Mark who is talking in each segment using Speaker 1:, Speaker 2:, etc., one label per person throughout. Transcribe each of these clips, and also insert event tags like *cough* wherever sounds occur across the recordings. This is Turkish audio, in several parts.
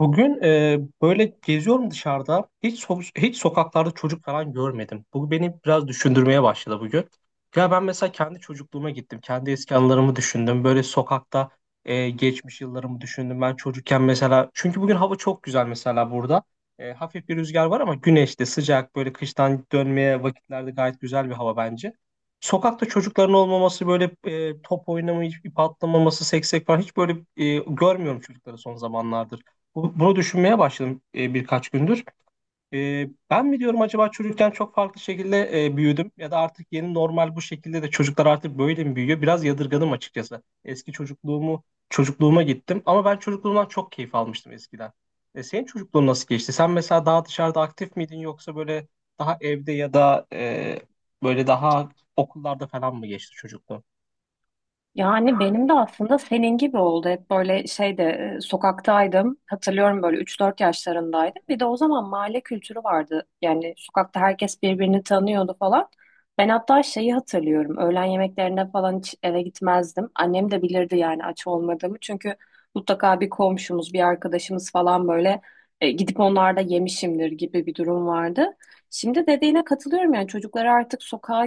Speaker 1: Bugün böyle geziyorum dışarıda. Hiç sokaklarda çocuk falan görmedim. Bu beni biraz düşündürmeye başladı bugün. Ya ben mesela kendi çocukluğuma gittim. Kendi eski anılarımı düşündüm. Böyle sokakta geçmiş yıllarımı düşündüm. Ben çocukken mesela, çünkü bugün hava çok güzel mesela burada. Hafif bir rüzgar var ama güneşli, sıcak, böyle kıştan dönmeye vakitlerde gayet güzel bir hava bence. Sokakta çocukların olmaması, böyle top oynamayı, ip atlamaması, seksek falan hiç böyle görmüyorum çocukları son zamanlarda. Bunu düşünmeye başladım birkaç gündür. Ben mi diyorum acaba, çocukken çok farklı şekilde büyüdüm ya da artık yeni normal bu şekilde de çocuklar artık böyle mi büyüyor? Biraz yadırgadım açıkçası. Eski çocukluğuma gittim ama ben çocukluğumdan çok keyif almıştım eskiden. Senin çocukluğun nasıl geçti? Sen mesela daha dışarıda aktif miydin yoksa böyle daha evde ya da böyle daha okullarda falan mı geçti çocukluğun?
Speaker 2: Yani benim de aslında senin gibi oldu. Hep böyle şeyde sokaktaydım. Hatırlıyorum böyle üç dört yaşlarındaydım. Bir de o zaman mahalle kültürü vardı. Yani sokakta herkes birbirini tanıyordu falan. Ben hatta şeyi hatırlıyorum. Öğlen yemeklerine falan hiç eve gitmezdim. Annem de bilirdi yani aç olmadığımı. Çünkü mutlaka bir komşumuz, bir arkadaşımız falan böyle gidip onlarda yemişimdir gibi bir durum vardı. Şimdi dediğine katılıyorum yani çocukları artık sokağa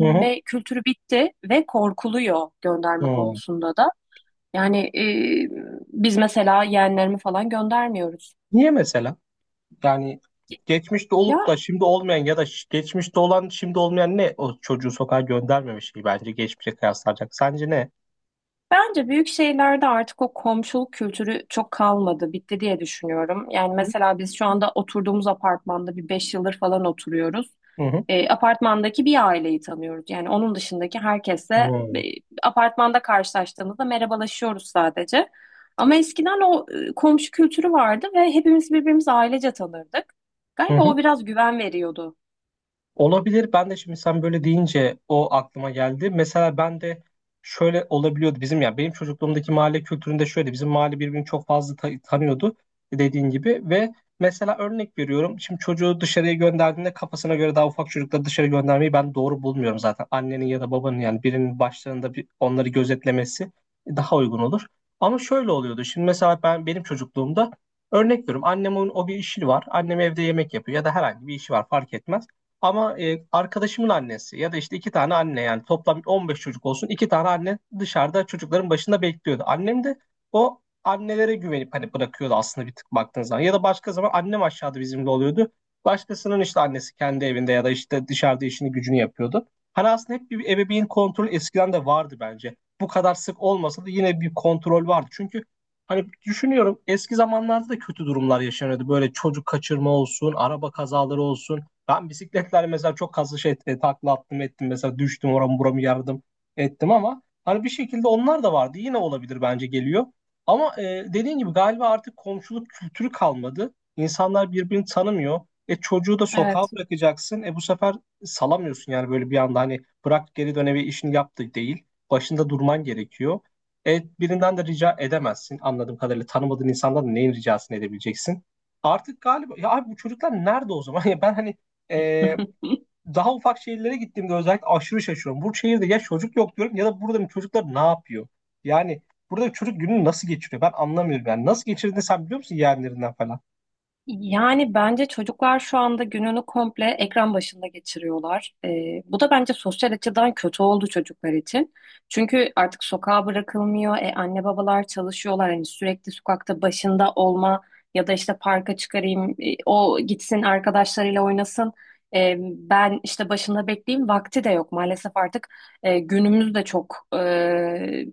Speaker 1: Hı hı.
Speaker 2: kültürü bitti ve korkuluyor gönderme
Speaker 1: Hı.
Speaker 2: konusunda da. Yani biz mesela yeğenlerimi falan göndermiyoruz.
Speaker 1: Niye mesela? Yani geçmişte olup
Speaker 2: Ya,
Speaker 1: da şimdi olmayan ya da geçmişte olan şimdi olmayan, ne o çocuğu sokağa göndermeme şeyi bence geçmişe kıyaslanacak. Sence ne?
Speaker 2: bence büyük şehirlerde artık o komşuluk kültürü çok kalmadı, bitti diye düşünüyorum. Yani mesela biz şu anda oturduğumuz apartmanda bir 5 yıldır falan oturuyoruz.
Speaker 1: Hı hı.
Speaker 2: Apartmandaki bir aileyi tanıyoruz. Yani onun dışındaki
Speaker 1: Hı
Speaker 2: herkesle
Speaker 1: hı.
Speaker 2: apartmanda karşılaştığımızda merhabalaşıyoruz sadece. Ama eskiden o komşu kültürü vardı ve hepimiz birbirimizi ailece tanırdık. Galiba
Speaker 1: Hmm.
Speaker 2: o biraz güven veriyordu.
Speaker 1: Olabilir. Ben de şimdi sen böyle deyince o aklıma geldi. Mesela ben de şöyle olabiliyordu bizim, ya benim çocukluğumdaki mahalle kültüründe şöyle, bizim mahalle birbirini çok fazla tanıyordu dediğin gibi. Ve mesela örnek veriyorum, şimdi çocuğu dışarıya gönderdiğinde kafasına göre, daha ufak çocukları dışarı göndermeyi ben doğru bulmuyorum zaten. Annenin ya da babanın, yani birinin başlarında bir onları gözetlemesi daha uygun olur. Ama şöyle oluyordu. Şimdi mesela ben, benim çocukluğumda örnek veriyorum, annemin o bir işi var. Annem evde yemek yapıyor ya da herhangi bir işi var, fark etmez. Ama arkadaşımın annesi ya da işte iki tane anne, yani toplam 15 çocuk olsun, iki tane anne dışarıda çocukların başında bekliyordu. Annem de o annelere güvenip hani bırakıyordu aslında, bir tık baktığın zaman. Ya da başka zaman annem aşağıda bizimle oluyordu. Başkasının işte annesi kendi evinde ya da işte dışarıda işini gücünü yapıyordu. Hani aslında hep bir ebeveyn kontrolü eskiden de vardı bence. Bu kadar sık olmasa da yine bir kontrol vardı. Çünkü hani düşünüyorum, eski zamanlarda da kötü durumlar yaşanıyordu. Böyle çocuk kaçırma olsun, araba kazaları olsun. Ben bisikletlerle mesela çok kaslı şey takla attım ettim. Mesela düştüm, oramı buramı yardım ettim, ama hani bir şekilde onlar da vardı. Yine olabilir bence, geliyor. Ama dediğin gibi galiba artık komşuluk kültürü kalmadı. İnsanlar birbirini tanımıyor. E çocuğu da sokağa
Speaker 2: Evet.
Speaker 1: bırakacaksın. E bu sefer salamıyorsun yani, böyle bir anda hani bırak geri dön eve, işini yaptı, değil. Başında durman gerekiyor. E birinden de rica edemezsin. Anladığım kadarıyla tanımadığın insandan da neyin ricasını edebileceksin? Artık galiba, ya abi bu çocuklar nerede o zaman? *laughs* Ya ben hani ee,
Speaker 2: *laughs*
Speaker 1: daha ufak şehirlere gittiğimde özellikle aşırı şaşıyorum. Bu şehirde ya çocuk yok diyorum ya da buradaki çocuklar ne yapıyor? Yani burada çocuk gününü nasıl geçiriyor? Ben anlamıyorum. Yani nasıl geçirdiğini sen biliyor musun, yeğenlerinden falan?
Speaker 2: Yani bence çocuklar şu anda gününü komple ekran başında geçiriyorlar. Bu da bence sosyal açıdan kötü oldu çocuklar için. Çünkü artık sokağa bırakılmıyor. E, anne babalar çalışıyorlar. Hani sürekli sokakta başında olma ya da işte parka çıkarayım, o gitsin arkadaşlarıyla oynasın. E, ben işte başında bekleyeyim vakti de yok. Maalesef artık günümüz de çok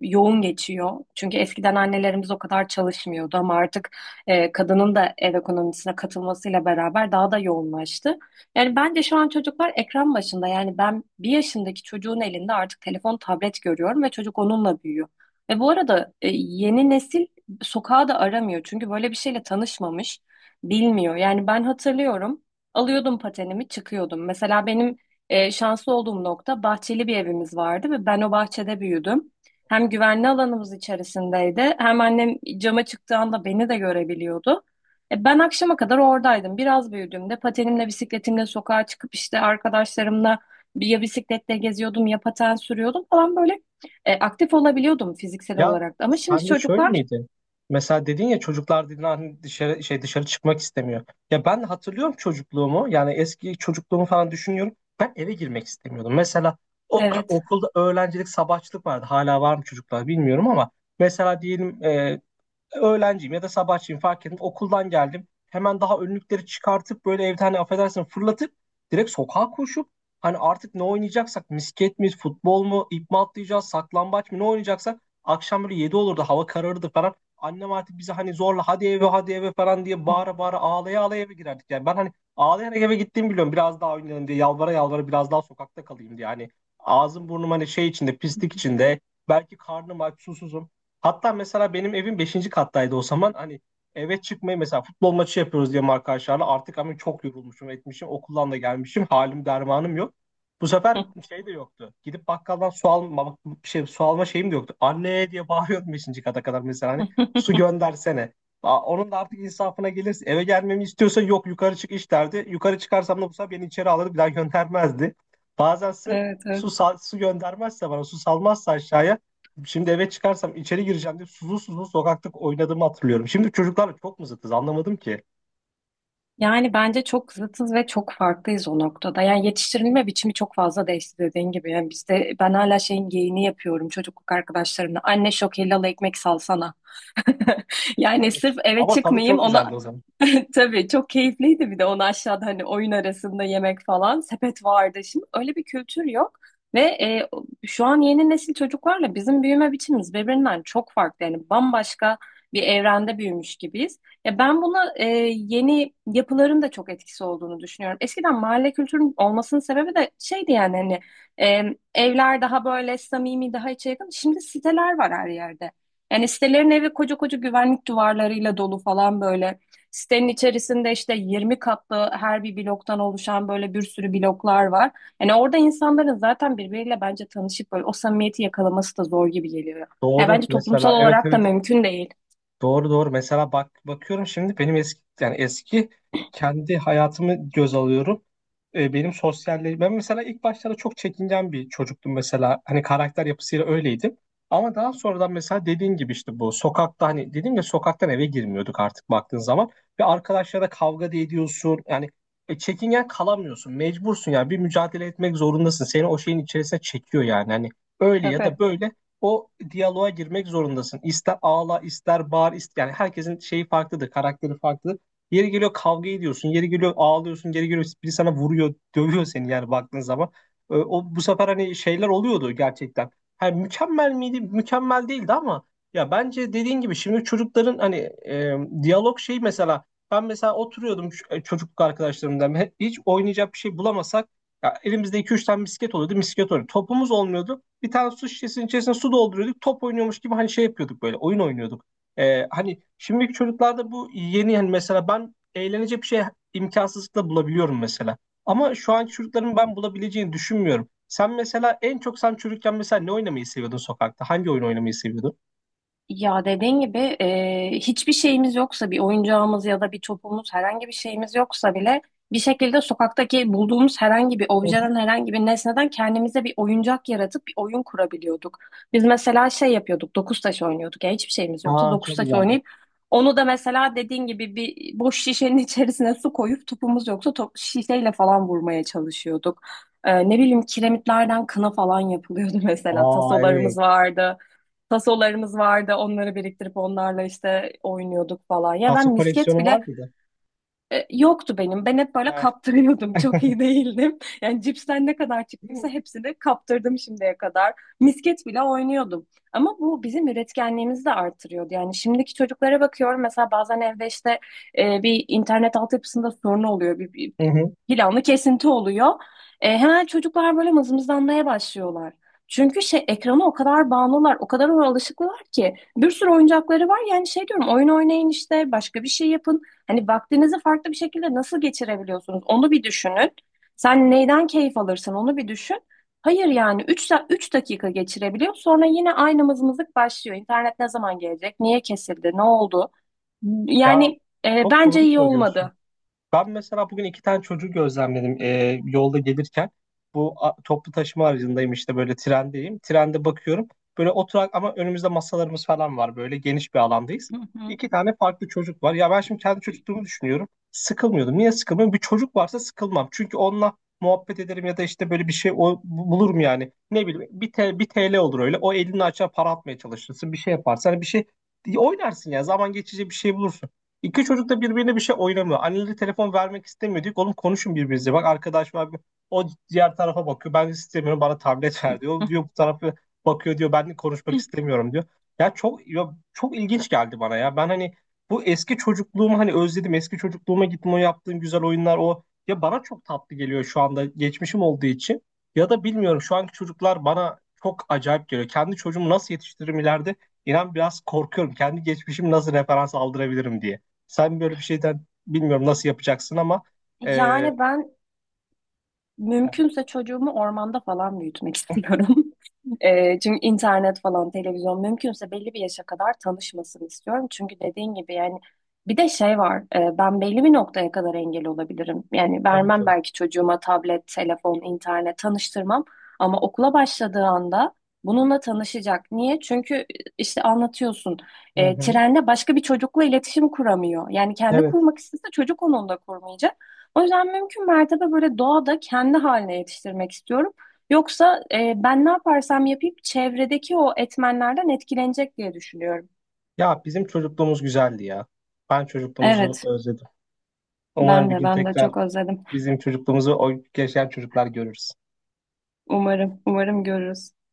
Speaker 2: yoğun geçiyor. Çünkü eskiden annelerimiz o kadar çalışmıyordu ama artık kadının da ev ekonomisine katılmasıyla beraber daha da yoğunlaştı. Yani bence şu an çocuklar ekran başında. Yani ben bir yaşındaki çocuğun elinde artık telefon, tablet görüyorum ve çocuk onunla büyüyor. Ve bu arada yeni nesil sokağa da aramıyor. Çünkü böyle bir şeyle tanışmamış, bilmiyor. Yani ben hatırlıyorum, alıyordum patenimi, çıkıyordum. Mesela benim şanslı olduğum nokta bahçeli bir evimiz vardı ve ben o bahçede büyüdüm. Hem güvenli alanımız içerisindeydi, hem annem cama çıktığı anda beni de görebiliyordu. E, ben akşama kadar oradaydım. Biraz büyüdüğümde patenimle, bisikletimle sokağa çıkıp işte arkadaşlarımla ya bisikletle geziyordum ya paten sürüyordum falan böyle. E, aktif olabiliyordum fiziksel
Speaker 1: Ya
Speaker 2: olarak da. Ama şimdi
Speaker 1: sen de şöyle
Speaker 2: çocuklar,
Speaker 1: miydi? Mesela dedin ya, çocuklar dedin hani dışarı şey, dışarı çıkmak istemiyor. Ya ben hatırlıyorum çocukluğumu. Yani eski çocukluğumu falan düşünüyorum. Ben eve girmek istemiyordum. Mesela *clears throat*
Speaker 2: evet.
Speaker 1: okulda öğrencilik, sabahçılık vardı. Hala var mı çocuklar, bilmiyorum ama mesela diyelim öğlenciyim ya da sabahçıyım, fark ettim. Okuldan geldim. Hemen daha önlükleri çıkartıp böyle evde hani affedersin fırlatıp, direkt sokağa koşup hani artık ne oynayacaksak, misket mi, futbol mu, ip mi atlayacağız, saklambaç mı, ne oynayacaksak akşam böyle 7 olurdu, hava kararırdı falan. Annem artık bize hani zorla hadi eve, hadi eve falan diye bağıra bağıra, ağlaya ağlaya eve girerdik. Yani ben hani ağlayarak eve gittiğimi biliyorum, biraz daha oynayalım diye, yalvara yalvara biraz daha sokakta kalayım diye. Yani ağzım burnum hani şey içinde, pislik içinde, belki karnım aç, susuzum. Hatta mesela benim evim beşinci kattaydı o zaman. Hani eve çıkmayı mesela, futbol maçı yapıyoruz diye arkadaşlarla. Artık ama çok yorulmuşum, etmişim. Okuldan da gelmişim. Halim dermanım yok. Bu sefer
Speaker 2: *laughs*
Speaker 1: şey de yoktu. Gidip bakkaldan su alma şey, su alma şeyim de yoktu. Anne diye bağırıyordum beşinci kata kadar mesela, hani su göndersene. Aa, onun da artık insafına gelirse, eve gelmemi istiyorsa, yok yukarı çık iç derdi. Yukarı çıkarsam da bu sefer beni içeri alırdı, bir daha göndermezdi. Bazen sırf
Speaker 2: Evet, evet.
Speaker 1: su göndermezse, bana su salmazsa aşağıya, şimdi eve çıkarsam içeri gireceğim diye suzlu suzlu sokakta oynadığımı hatırlıyorum. Şimdi çocuklarla çok mu zıtız, anlamadım ki.
Speaker 2: Yani bence çok zıtız ve çok farklıyız o noktada. Yani yetiştirilme biçimi çok fazla değişti dediğin gibi. Yani bizde ben hala şeyin geyiğini yapıyorum çocukluk arkadaşlarımla. Anne şok helal ekmek salsana. *laughs*
Speaker 1: *laughs*
Speaker 2: Yani
Speaker 1: Evet.
Speaker 2: sırf eve
Speaker 1: Ama tadı
Speaker 2: çıkmayayım
Speaker 1: çok
Speaker 2: ona
Speaker 1: güzeldi o zaman.
Speaker 2: *laughs* tabii çok keyifliydi, bir de onu aşağıda hani oyun arasında yemek falan sepet vardı. Şimdi öyle bir kültür yok ve şu an yeni nesil çocuklarla bizim büyüme biçimimiz birbirinden çok farklı. Yani bambaşka bir evrende büyümüş gibiyiz. Ya ben buna yeni yapıların da çok etkisi olduğunu düşünüyorum. Eskiden mahalle kültürünün olmasının sebebi de şeydi yani hani e, evler daha böyle samimi, daha içe yakın. Şimdi siteler var her yerde. Yani sitelerin evi koca koca güvenlik duvarlarıyla dolu falan böyle. Sitenin içerisinde işte 20 katlı her bir bloktan oluşan böyle bir sürü bloklar var. Yani orada insanların zaten birbiriyle bence tanışıp böyle o samimiyeti yakalaması da zor gibi geliyor. Ya
Speaker 1: Doğru
Speaker 2: bence toplumsal
Speaker 1: mesela, evet,
Speaker 2: olarak da
Speaker 1: evet.
Speaker 2: mümkün değil.
Speaker 1: Doğru, doğru. Mesela bak, bakıyorum şimdi benim eski, yani eski kendi hayatımı göz alıyorum. Benim sosyalleşme, ben mesela ilk başlarda çok çekingen bir çocuktum mesela. Hani karakter yapısıyla öyleydim. Ama daha sonradan mesela dediğin gibi işte, bu sokakta hani dedim ya, sokaktan eve girmiyorduk artık baktığın zaman, ve arkadaşlara kavga da ediyorsun. Yani çekingen kalamıyorsun. Mecbursun, yani bir mücadele etmek zorundasın. Seni o şeyin içerisine çekiyor yani. Hani öyle ya da
Speaker 2: Tabii.
Speaker 1: böyle o diyaloğa girmek zorundasın. İster ağla, ister bağır, ister yani, herkesin şeyi farklıdır, karakteri farklıdır. Yeri geliyor kavga ediyorsun, yeri geliyor ağlıyorsun, yeri geliyor biri sana vuruyor, dövüyor seni yani baktığın zaman. O bu sefer hani şeyler oluyordu gerçekten. Hani mükemmel miydi? Mükemmel değildi, ama ya bence dediğin gibi şimdi çocukların hani e, diyalog şey mesela, ben mesela oturuyordum, çocukluk arkadaşlarımdan hiç oynayacak bir şey bulamasak, ya elimizde iki üç tane misket oluyordu, misket oynuyordu. Topumuz olmuyordu, bir tane su şişesinin içerisine su dolduruyorduk. Top oynuyormuş gibi hani şey yapıyorduk, böyle oyun oynuyorduk. Hani şimdiki çocuklarda bu yeni, hani mesela ben eğlenecek bir şey imkansızlıkla bulabiliyorum mesela. Ama şu anki çocukların ben bulabileceğini düşünmüyorum. Sen mesela en çok, sen çocukken mesela ne oynamayı seviyordun sokakta? Hangi oyun oynamayı seviyordun?
Speaker 2: Ya dediğin gibi hiçbir şeyimiz yoksa, bir oyuncağımız ya da bir topumuz, herhangi bir şeyimiz yoksa bile bir şekilde sokaktaki bulduğumuz herhangi bir
Speaker 1: Hı hı.
Speaker 2: objeden, herhangi bir nesneden kendimize bir oyuncak yaratıp bir oyun kurabiliyorduk. Biz mesela şey yapıyorduk, dokuz taş oynuyorduk. Ya hiçbir şeyimiz yoksa
Speaker 1: Aa,
Speaker 2: dokuz
Speaker 1: çok
Speaker 2: taş
Speaker 1: güzeldi.
Speaker 2: oynayıp onu da, mesela dediğin gibi, bir boş şişenin *laughs* içerisine su koyup topumuz yoksa top, şişeyle falan vurmaya çalışıyorduk. E, ne bileyim, kiremitlerden kına falan yapılıyordu. *laughs* Mesela
Speaker 1: Aa,
Speaker 2: tasolarımız
Speaker 1: evet.
Speaker 2: vardı. Tasolarımız vardı. Onları biriktirip onlarla işte oynuyorduk falan. Ya ben
Speaker 1: Taso
Speaker 2: misket
Speaker 1: koleksiyonu var
Speaker 2: bile
Speaker 1: mıydı?
Speaker 2: yoktu benim. Ben hep böyle
Speaker 1: Heh.
Speaker 2: kaptırıyordum. *laughs* Çok iyi değildim. Yani cipsten ne kadar çıktıysa hepsini kaptırdım şimdiye kadar. Misket bile oynuyordum. Ama bu bizim üretkenliğimizi de artırıyordu. Yani şimdiki çocuklara bakıyorum. Mesela bazen evde işte bir internet altyapısında sorun oluyor. Bir
Speaker 1: Hı hı.
Speaker 2: planlı kesinti oluyor. E, hemen çocuklar böyle mızmızlanmaya başlıyorlar. Çünkü şey, ekrana o kadar bağımlılar, o kadar ona alışıklılar ki bir sürü oyuncakları var. Yani şey diyorum, oyun oynayın işte, başka bir şey yapın. Hani vaktinizi farklı bir şekilde nasıl geçirebiliyorsunuz? Onu bir düşünün. Sen neyden keyif alırsın, onu bir düşün. Hayır yani 3 3 dakika geçirebiliyor. Sonra yine aynı mızmızlık başlıyor. İnternet ne zaman gelecek? Niye kesildi? Ne oldu?
Speaker 1: Ya
Speaker 2: Yani
Speaker 1: çok
Speaker 2: bence
Speaker 1: doğru
Speaker 2: iyi
Speaker 1: söylüyorsun.
Speaker 2: olmadı.
Speaker 1: Ben mesela bugün iki tane çocuğu gözlemledim yolda gelirken. Toplu taşıma aracındayım, işte böyle trendeyim. Trende bakıyorum. Böyle oturak ama önümüzde masalarımız falan var. Böyle geniş bir alandayız.
Speaker 2: Hı hı.
Speaker 1: İki tane farklı çocuk var. Ya ben şimdi kendi çocukluğumu düşünüyorum. Sıkılmıyordum. Niye sıkılmıyorum? Bir çocuk varsa sıkılmam. Çünkü onunla muhabbet ederim ya da işte böyle bir şey bulurum yani. Ne bileyim bir TL olur öyle. O elini açar, para atmaya çalışırsın. Bir şey yaparsan, bir şey oynarsın ya. Zaman geçici bir şey bulursun. İki çocuk da birbirine bir şey oynamıyor. Anneleri telefon vermek istemiyor. Diyor ki, oğlum konuşun birbirinizle. Bak arkadaş var. O diğer tarafa bakıyor. Ben istemiyorum, bana tablet ver diyor. O diyor, bu tarafa bakıyor, diyor ben de konuşmak
Speaker 2: *laughs*
Speaker 1: istemiyorum diyor. Ya çok, ya çok ilginç geldi bana ya. Ben hani bu eski çocukluğumu hani özledim. Eski çocukluğuma gittim, o yaptığım güzel oyunlar, o ya bana çok tatlı geliyor şu anda, geçmişim olduğu için. Ya da bilmiyorum, şu anki çocuklar bana çok acayip geliyor. Kendi çocuğumu nasıl yetiştiririm ileride? İnan biraz korkuyorum. Kendi geçmişimi nasıl referans aldırabilirim diye. Sen böyle bir şeyden bilmiyorum nasıl yapacaksın ama e,
Speaker 2: Yani ben mümkünse çocuğumu ormanda falan büyütmek *laughs* istiyorum. E, çünkü internet falan, televizyon mümkünse belli bir yaşa kadar tanışmasını istiyorum. Çünkü dediğin gibi yani bir de şey var. E, ben belli bir noktaya kadar engel olabilirim. Yani
Speaker 1: tabii
Speaker 2: vermem
Speaker 1: ki.
Speaker 2: belki çocuğuma tablet, telefon, internet tanıştırmam. Ama okula başladığı anda bununla tanışacak. Niye? Çünkü işte anlatıyorsun.
Speaker 1: Hı
Speaker 2: E,
Speaker 1: hı.
Speaker 2: trende başka bir çocukla iletişim kuramıyor. Yani kendi
Speaker 1: Evet.
Speaker 2: kurmak istese çocuk onunla kurmayacak. O yüzden mümkün mertebe böyle doğada kendi haline yetiştirmek istiyorum. Yoksa ben ne yaparsam yapayım çevredeki o etmenlerden etkilenecek diye düşünüyorum.
Speaker 1: Ya bizim çocukluğumuz güzeldi ya. Ben çocukluğumuzu
Speaker 2: Evet,
Speaker 1: özledim. Umarım
Speaker 2: ben
Speaker 1: bir
Speaker 2: de
Speaker 1: gün
Speaker 2: ben de
Speaker 1: tekrar
Speaker 2: çok özledim.
Speaker 1: bizim çocukluğumuzu o yaşayan çocuklar görürüz.
Speaker 2: Umarım, umarım görürüz.